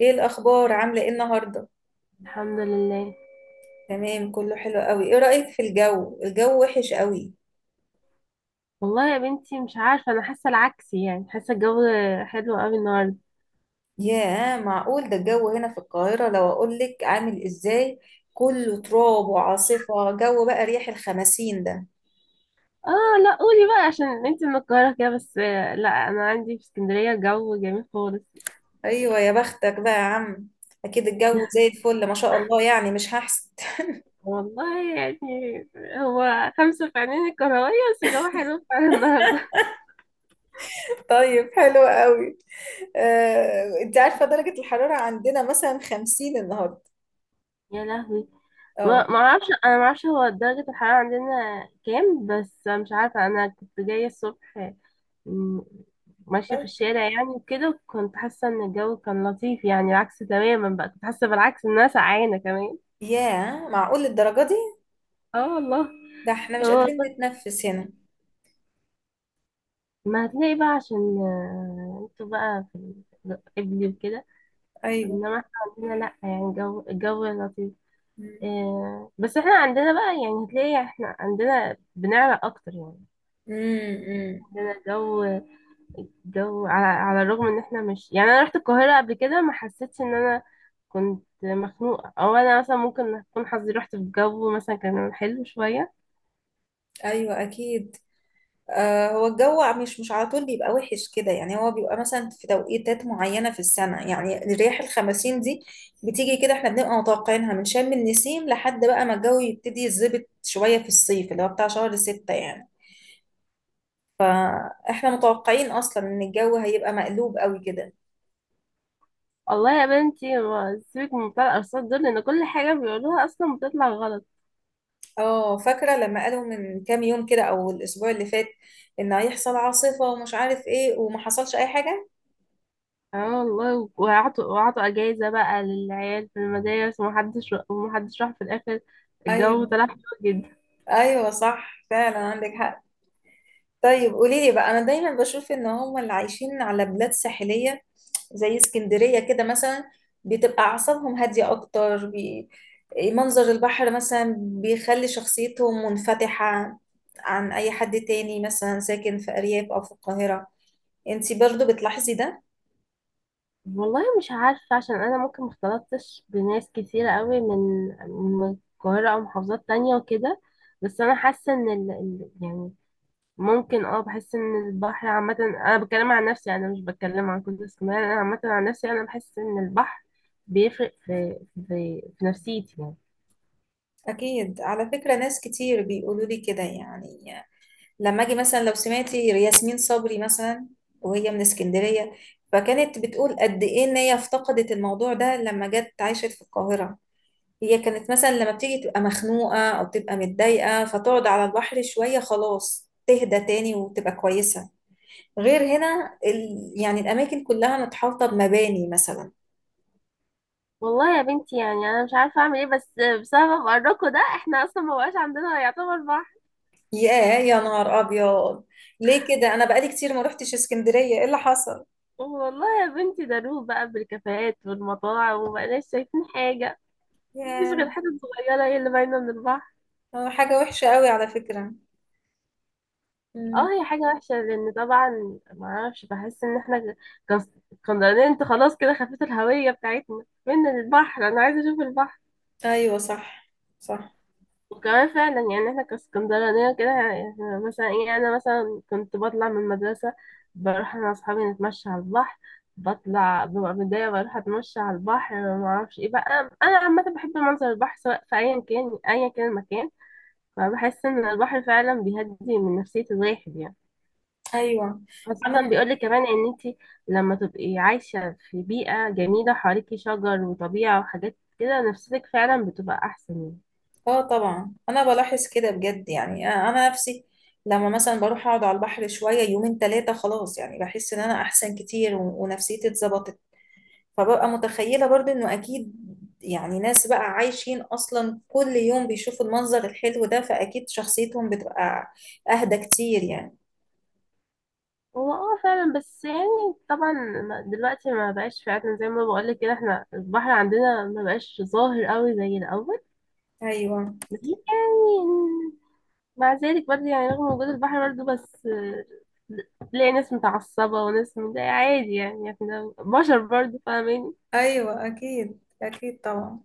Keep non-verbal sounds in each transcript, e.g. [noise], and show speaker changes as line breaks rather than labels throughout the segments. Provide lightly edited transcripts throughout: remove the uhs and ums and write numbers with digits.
ايه الاخبار، عامله ايه النهارده؟
الحمد لله.
تمام، كله حلو قوي. ايه رايك في الجو؟ الجو وحش قوي.
والله يا بنتي مش عارفة، أنا حاسة العكس، يعني حاسة الجو حلو قوي النهاردة.
ياه، معقول؟ ده الجو هنا في القاهره لو اقول لك عامل ازاي، كله تراب وعاصفه، جو بقى ريح الخمسين ده.
اه لا، قولي بقى عشان انتي من القاهرة كده، بس لا أنا عندي في اسكندرية جو جميل خالص.
ايوه، يا بختك بقى يا عم. اكيد الجو زي الفل ما شاء الله، يعني مش هحسد.
والله يعني هو خمسة في عينين الكروية، بس الجو حلو فعلا النهاردة.
[laughs] طيب، حلو قوي. انت عارفه
[laughs]
درجه الحراره عندنا مثلا خمسين النهارده؟
يا لهوي. ما
اه.
ما اعرفش، انا ما اعرفش هو درجة الحرارة عندنا كام، بس مش عارفة، انا كنت جاية الصبح م- ماشية في الشارع يعني، وكده كنت حاسة ان الجو كان لطيف، يعني العكس تماما بقى، كنت حاسة بالعكس ان انا سقعانة كمان.
ياه، معقول الدرجه دي؟
اه والله.
ده احنا مش
هو
قادرين
بس
نتنفس هنا.
ما هتلاقي بقى عشان انتوا بقى في قبلي وكده.
ايوه.
انما احنا عندنا لا، يعني الجو لطيف.
مم.
بس احنا عندنا بقى، يعني هتلاقي احنا عندنا بنعرق اكتر يعني.
مم. مم.
عندنا جو على الرغم ان احنا مش يعني، انا رحت القاهرة قبل كده ما حسيتش ان انا كنت مخنوقة، او انا مثلا ممكن اكون حظي رحت في جو مثلا كان حلو شوية.
ايوه اكيد. هو الجو مش على طول بيبقى وحش كده، يعني هو بيبقى مثلا في توقيتات معينه في السنه، يعني رياح الخمسين دي بتيجي كده. احنا بنبقى متوقعينها من شم النسيم لحد بقى ما الجو يبتدي يتظبط شويه في الصيف اللي هو بتاع شهر ستة يعني، فاحنا متوقعين اصلا ان الجو هيبقى مقلوب قوي كده.
والله يا بنتي سيبك من بتاع الارصاد دول، لان كل حاجة بيقولوها اصلا بتطلع غلط.
اه، فاكره لما قالوا من كام يوم كده او الاسبوع اللي فات ان هيحصل عاصفه ومش عارف ايه، وما حصلش اي حاجه.
اه والله، وعطوا اجازة بقى للعيال في المدارس، ومحدش راح في الاخر، الجو طلع حلو.
ايوه، صح، فعلا عندك حق. طيب، قولي لي بقى. انا دايما بشوف ان هم اللي عايشين على بلاد ساحليه زي اسكندريه كده مثلا بتبقى اعصابهم هاديه اكتر. منظر البحر مثلا بيخلي شخصيتهم منفتحه عن اي حد تاني مثلا ساكن في ارياف او في القاهره. انتي برضو بتلاحظي ده؟
والله مش عارفة، عشان أنا ممكن مختلطتش بناس كتيرة قوي من من القاهرة أو محافظات تانية وكده. بس أنا حاسة إن يعني ممكن اه، بحس إن البحر عامة، أنا بتكلم عن نفسي، أنا مش بتكلم عن كل اسكندرية، أنا عامة عن نفسي، أنا بحس إن البحر بيفرق في في نفسيتي يعني.
اكيد، على فكره ناس كتير بيقولوا لي كده يعني. لما اجي مثلا لو سمعتي ياسمين صبري مثلا، وهي من اسكندرية، فكانت بتقول قد ايه ان هي افتقدت الموضوع ده لما جت عاشت في القاهرة. هي كانت مثلا لما بتيجي تبقى مخنوقة او تبقى متضايقة فتقعد على البحر شوية، خلاص تهدى تاني وتبقى كويسة. غير هنا يعني الاماكن كلها متحوطة بمباني مثلا.
والله يا بنتي، يعني أنا مش عارفة أعمل إيه، بس بسبب قركو ده، إحنا أصلا مبقاش عندنا يعتبر بحر.
ياه، يا نهار ابيض. ليه كده؟ انا بقالي كتير ما روحتش اسكندرية، ايه اللي حصل؟
والله يا بنتي، ده روح بقى بالكافيهات والمطاعم، ومبقناش شايفين حاجة. مفيش غير
ياه.
حتت صغيرة هي اللي باينة من البحر.
حاجة وحشة قوي على فكرة.
اه هي حاجة وحشة، لأن طبعا معرفش، بحس إن احنا كس- كونتيننت خلاص كده، خفت الهوية بتاعتنا من البحر. أنا عايزة أشوف البحر.
ايوه، صح، صح.
وكمان فعلا يعني احنا كاسكندرانية كده، إحنا مثلا ايه، أنا مثلا كنت بطلع من المدرسة بروح أنا وأصحابي نتمشى على البحر، بطلع ببقى متضايقة بروح أتمشى على البحر، معرفش ايه بقى، أنا عامة بحب منظر البحر سواء في، أيا كان أيا كان المكان. ما بحس ان البحر فعلا بيهدي من نفسية الواحد يعني.
ايوه.
خاصة
انا.
بيقولك كمان ان انتي لما تبقي عايشة في بيئة جميلة حواليكي شجر وطبيعة وحاجات كده، نفسيتك فعلا بتبقى احسن يعني.
اه طبعا، انا بلاحظ كده بجد يعني. انا نفسي لما مثلا بروح اقعد على البحر شويه يومين ثلاثه، خلاص يعني بحس ان انا احسن كتير ونفسيتي اتظبطت. فببقى متخيله برضو انه اكيد يعني ناس بقى عايشين اصلا كل يوم بيشوفوا المنظر الحلو ده، فاكيد شخصيتهم بتبقى اهدى كتير يعني.
هو اه فعلا، بس يعني طبعا دلوقتي ما بقاش فعلا زي ما بقولك كده، احنا البحر عندنا ما بقاش ظاهر قوي زي الاول.
ايوه،
لكن يعني مع ذلك برضه، يعني رغم وجود البحر برضه، بس تلاقي ناس متعصبة وناس مضايقة عادي، يعني احنا بشر برضه فاهمين.
ايوه، اكيد، اكيد، طبعا.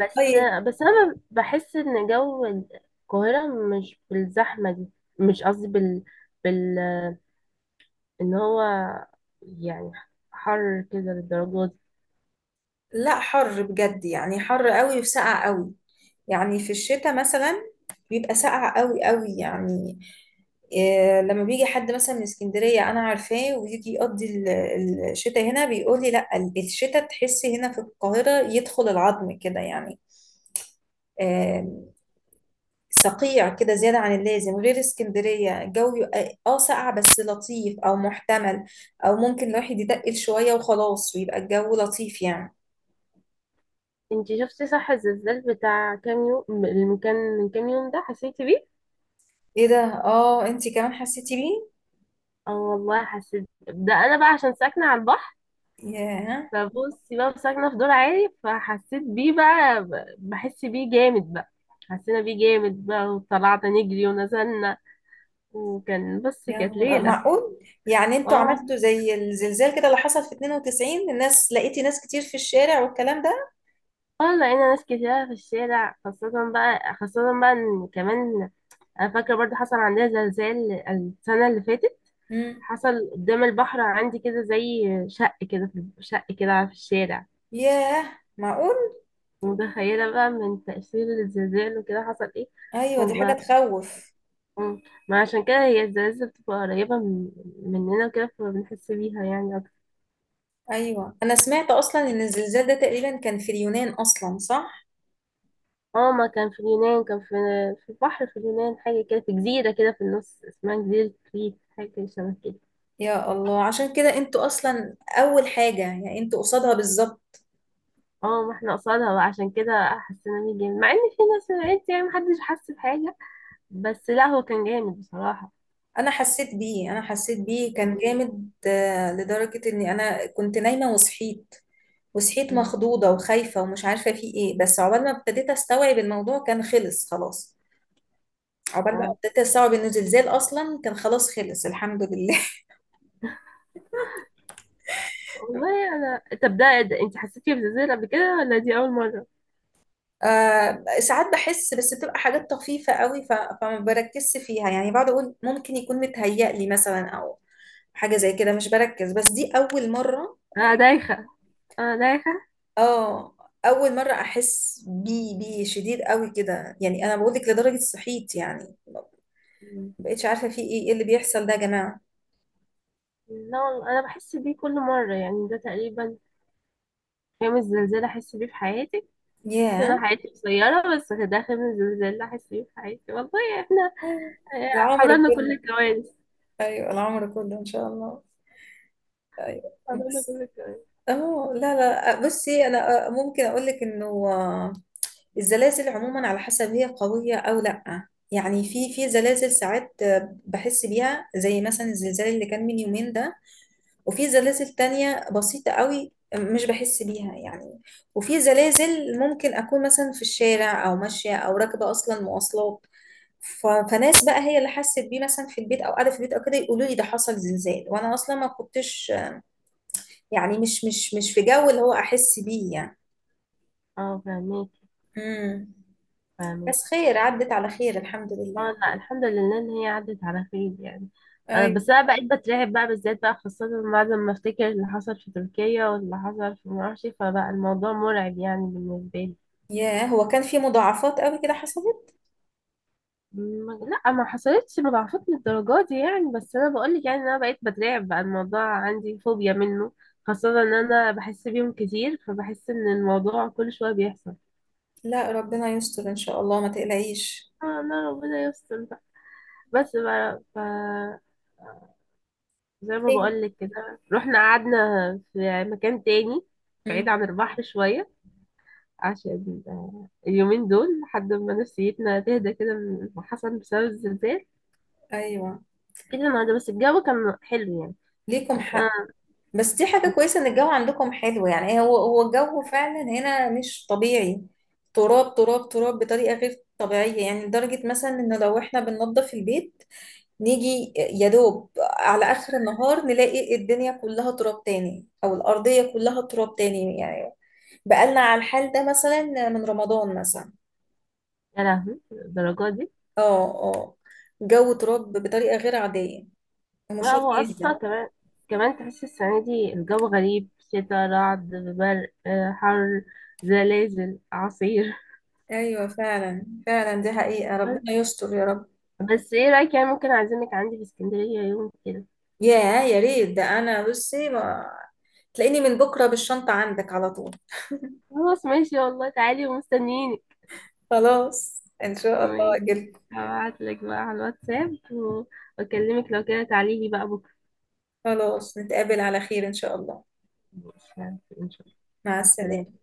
بس
طيب.
بس انا بحس ان جو القاهره مش بالزحمه دي. مش قصدي بال بال ان هو يعني حر كده للدرجه دي.
لا، حر بجد يعني، حر قوي وسقع قوي. يعني في الشتاء مثلا بيبقى ساقع قوي قوي يعني. إيه، لما بيجي حد مثلا من اسكندرية أنا عارفاه ويجي يقضي الشتاء هنا بيقول لي لا، الشتاء تحسي هنا في القاهرة يدخل العظم كده يعني. آم، صقيع كده زيادة عن اللازم. غير اسكندرية الجو يبقى اه ساقع بس لطيف، أو محتمل أو ممكن الواحد يتقل شوية وخلاص، ويبقى الجو لطيف يعني.
انت شفتي صح الزلزال بتاع كام يوم، اللي كان من كام يوم ده، حسيتي بيه؟
ايه ده؟ اه، انتي كمان حسيتي بيه؟
اه والله حسيت، ده انا بقى عشان ساكنه على البحر،
ياه
فبصي بقى ساكنه في دور عالي فحسيت بيه بقى، بحس بيه جامد بقى، حسينا بيه جامد بقى وطلعنا نجري ونزلنا، وكان بس
يا
كانت
نهار،
ليله.
معقول. يعني انتوا
اه.
عملتوا زي الزلزال كده اللي حصل في 92؟ الناس، لقيتي ناس كتير في الشارع والكلام ده؟
اه لقينا ناس كتيرة في الشارع، خاصة بقى، خاصة بقى ان كمان انا فاكرة برضه حصل عندنا زلزال السنة اللي فاتت،
امم.
حصل قدام البحر عندي كده، زي شق كده في شق كده في الشارع،
ياه، معقول.
متخيلة بقى من تأثير الزلزال وكده، حصل ايه.
ايوه، دي حاجة
فبقى-
تخوف.
مم. ما عشان كده هي الزلازل بتبقى قريبة مننا وكده، فبنحس بيها يعني أكتر.
ايوه، انا سمعت اصلا ان الزلزال ده تقريبا كان في اليونان اصلا، صح؟
اه ما كان في اليونان، كان في في بحر في اليونان، حاجة كده في جزيرة كده في النص، اسمها جزيرة كريت، حاجة شبه كده.
يا الله، عشان كده انتوا اصلا اول حاجة يعني، انتوا قصادها بالظبط.
اه ما احنا قصادها بقى، عشان كده حسينا بيه جامد، مع ان في ناس من عيلتي يعني محدش حس بحاجة، بس لا هو كان جامد بصراحة.
انا حسيت بيه، انا حسيت بيه كان
مم.
جامد، لدرجة اني انا كنت نايمة وصحيت. وصحيت
مم.
مخضوضة وخايفة ومش عارفة في ايه، بس عقبال ما ابتديت استوعب الموضوع كان خلص خلاص. عقبال بقى
اه
ابتديت استوعب انه زلزال اصلا كان خلاص، خلص الحمد لله. [laughs]
والله. انا طب ده انت حسيتي بزلزال قبل كده ولا دي اول مرة؟
ساعات بحس بس بتبقى حاجات طفيفة قوي. فما بركزش فيها يعني، بقعد اقول ممكن يكون متهيأ لي مثلا او حاجة زي كده، مش بركز. بس دي اول مرة.
انا دايخة، انا دايخة.
اه، اول مرة احس بيه شديد قوي كده يعني، انا بقول لك لدرجة صحيت يعني، ما
مم.
بقتش عارفة في ايه، ايه اللي بيحصل ده يا جماعة.
لا والله انا بحس بيه كل مرة، يعني ده تقريبا خامس زلزال احس بيه في حياتي. شفت
ياه.
انا حياتي قصيرة، بس ده خامس زلزال احس بيه في حياتي. والله احنا
أيوة. العمر
حضرنا كل
كله.
الكوارث.
ايوه، العمر كله ان شاء الله. ايوه.
حضرنا
بس.
كل الكوارث.
اه، لا، لا، بصي، انا ممكن اقول لك انه الزلازل عموما على حسب هي قويه او لا، يعني في في زلازل ساعات بحس بيها زي مثلا الزلزال اللي كان من يومين ده. وفي زلازل تانية بسيطه قوي مش بحس بيها يعني. وفي زلازل ممكن اكون مثلا في الشارع او ماشيه او راكبه اصلا مواصلات. فناس بقى هي اللي حست بيه مثلا في البيت او قاعده في البيت او كده، يقولوا لي ده حصل زلزال وانا اصلا ما كنتش، يعني مش في جو اللي هو احس بيه يعني.
اه فاهمك.
امم.
فاهمك.
بس خير، عدت على خير الحمد
اه
لله.
لا الحمد لله ان هي عدت على خير يعني.
ايوه.
بس انا بقيت بترعب بقى، بالذات بقى، خاصة بعد ما افتكر اللي حصل في تركيا واللي حصل في معرفش، فبقى الموضوع مرعب يعني بالنسبة لي.
ياه، هو كان في مضاعفات قوي كده حصلت؟
لا ما حصلتش مضاعفات للدرجات دي يعني، بس انا بقولك يعني إن انا بقيت بترعب بقى، الموضوع عندي فوبيا منه، خاصة ان انا بحس بيهم كتير، فبحس ان الموضوع كل شوية بيحصل.
لا، ربنا يستر ان شاء الله، ما تقلقيش.
انا ربنا يستر بقى. بس بقى زي ما
خير.
بقولك كده، رحنا قعدنا في مكان تاني بعيد
امم.
عن البحر شوية، عشان اليومين دول لحد ما نفسيتنا تهدى كده من اللي حصل بسبب الزلزال.
ايوه.
كده النهاردة بس الجو كان حلو يعني.
ليكم
كان
حق. بس دي حاجة كويسة ان الجو عندكم حلو يعني. إيه، هو هو الجو فعلا هنا مش طبيعي. تراب، تراب، تراب بطريقة غير طبيعية يعني، لدرجة مثلا ان لو احنا بننظف البيت نيجي يا دوب على اخر النهار نلاقي الدنيا كلها تراب تاني، او الارضية كلها تراب تاني يعني. بقالنا على الحال ده مثلا من رمضان مثلا.
يا لهوي الدرجة دي.
اه. اه. جو تراب بطريقة غير عادية.
لا
مشاكل
هو أصلا
جدا.
كمان تحس السنة دي الجو غريب، شتا، رعد، برق، حر، زلازل، أعاصير.
ايوه، فعلا، فعلا دي حقيقة.
[laughs] بس
ربنا يستر يا رب.
بس ايه رأيك يعني، ممكن أعزمك عندي في اسكندرية يوم كده؟
ياه، يا ريت. ده انا بصي ما... تلاقيني من بكره بالشنطه عندك على طول.
خلاص ماشي، والله تعالي ومستنيينك.
خلاص، ان شاء الله
ماشي،
اجل.
هبعتلك بقى على الواتساب واكلمك، لو كده تعالي لي بقى بكره.
خلاص، نتقابل على خير ان شاء الله.
ماشي ان شاء الله.
مع
مع السلامة.
السلامه.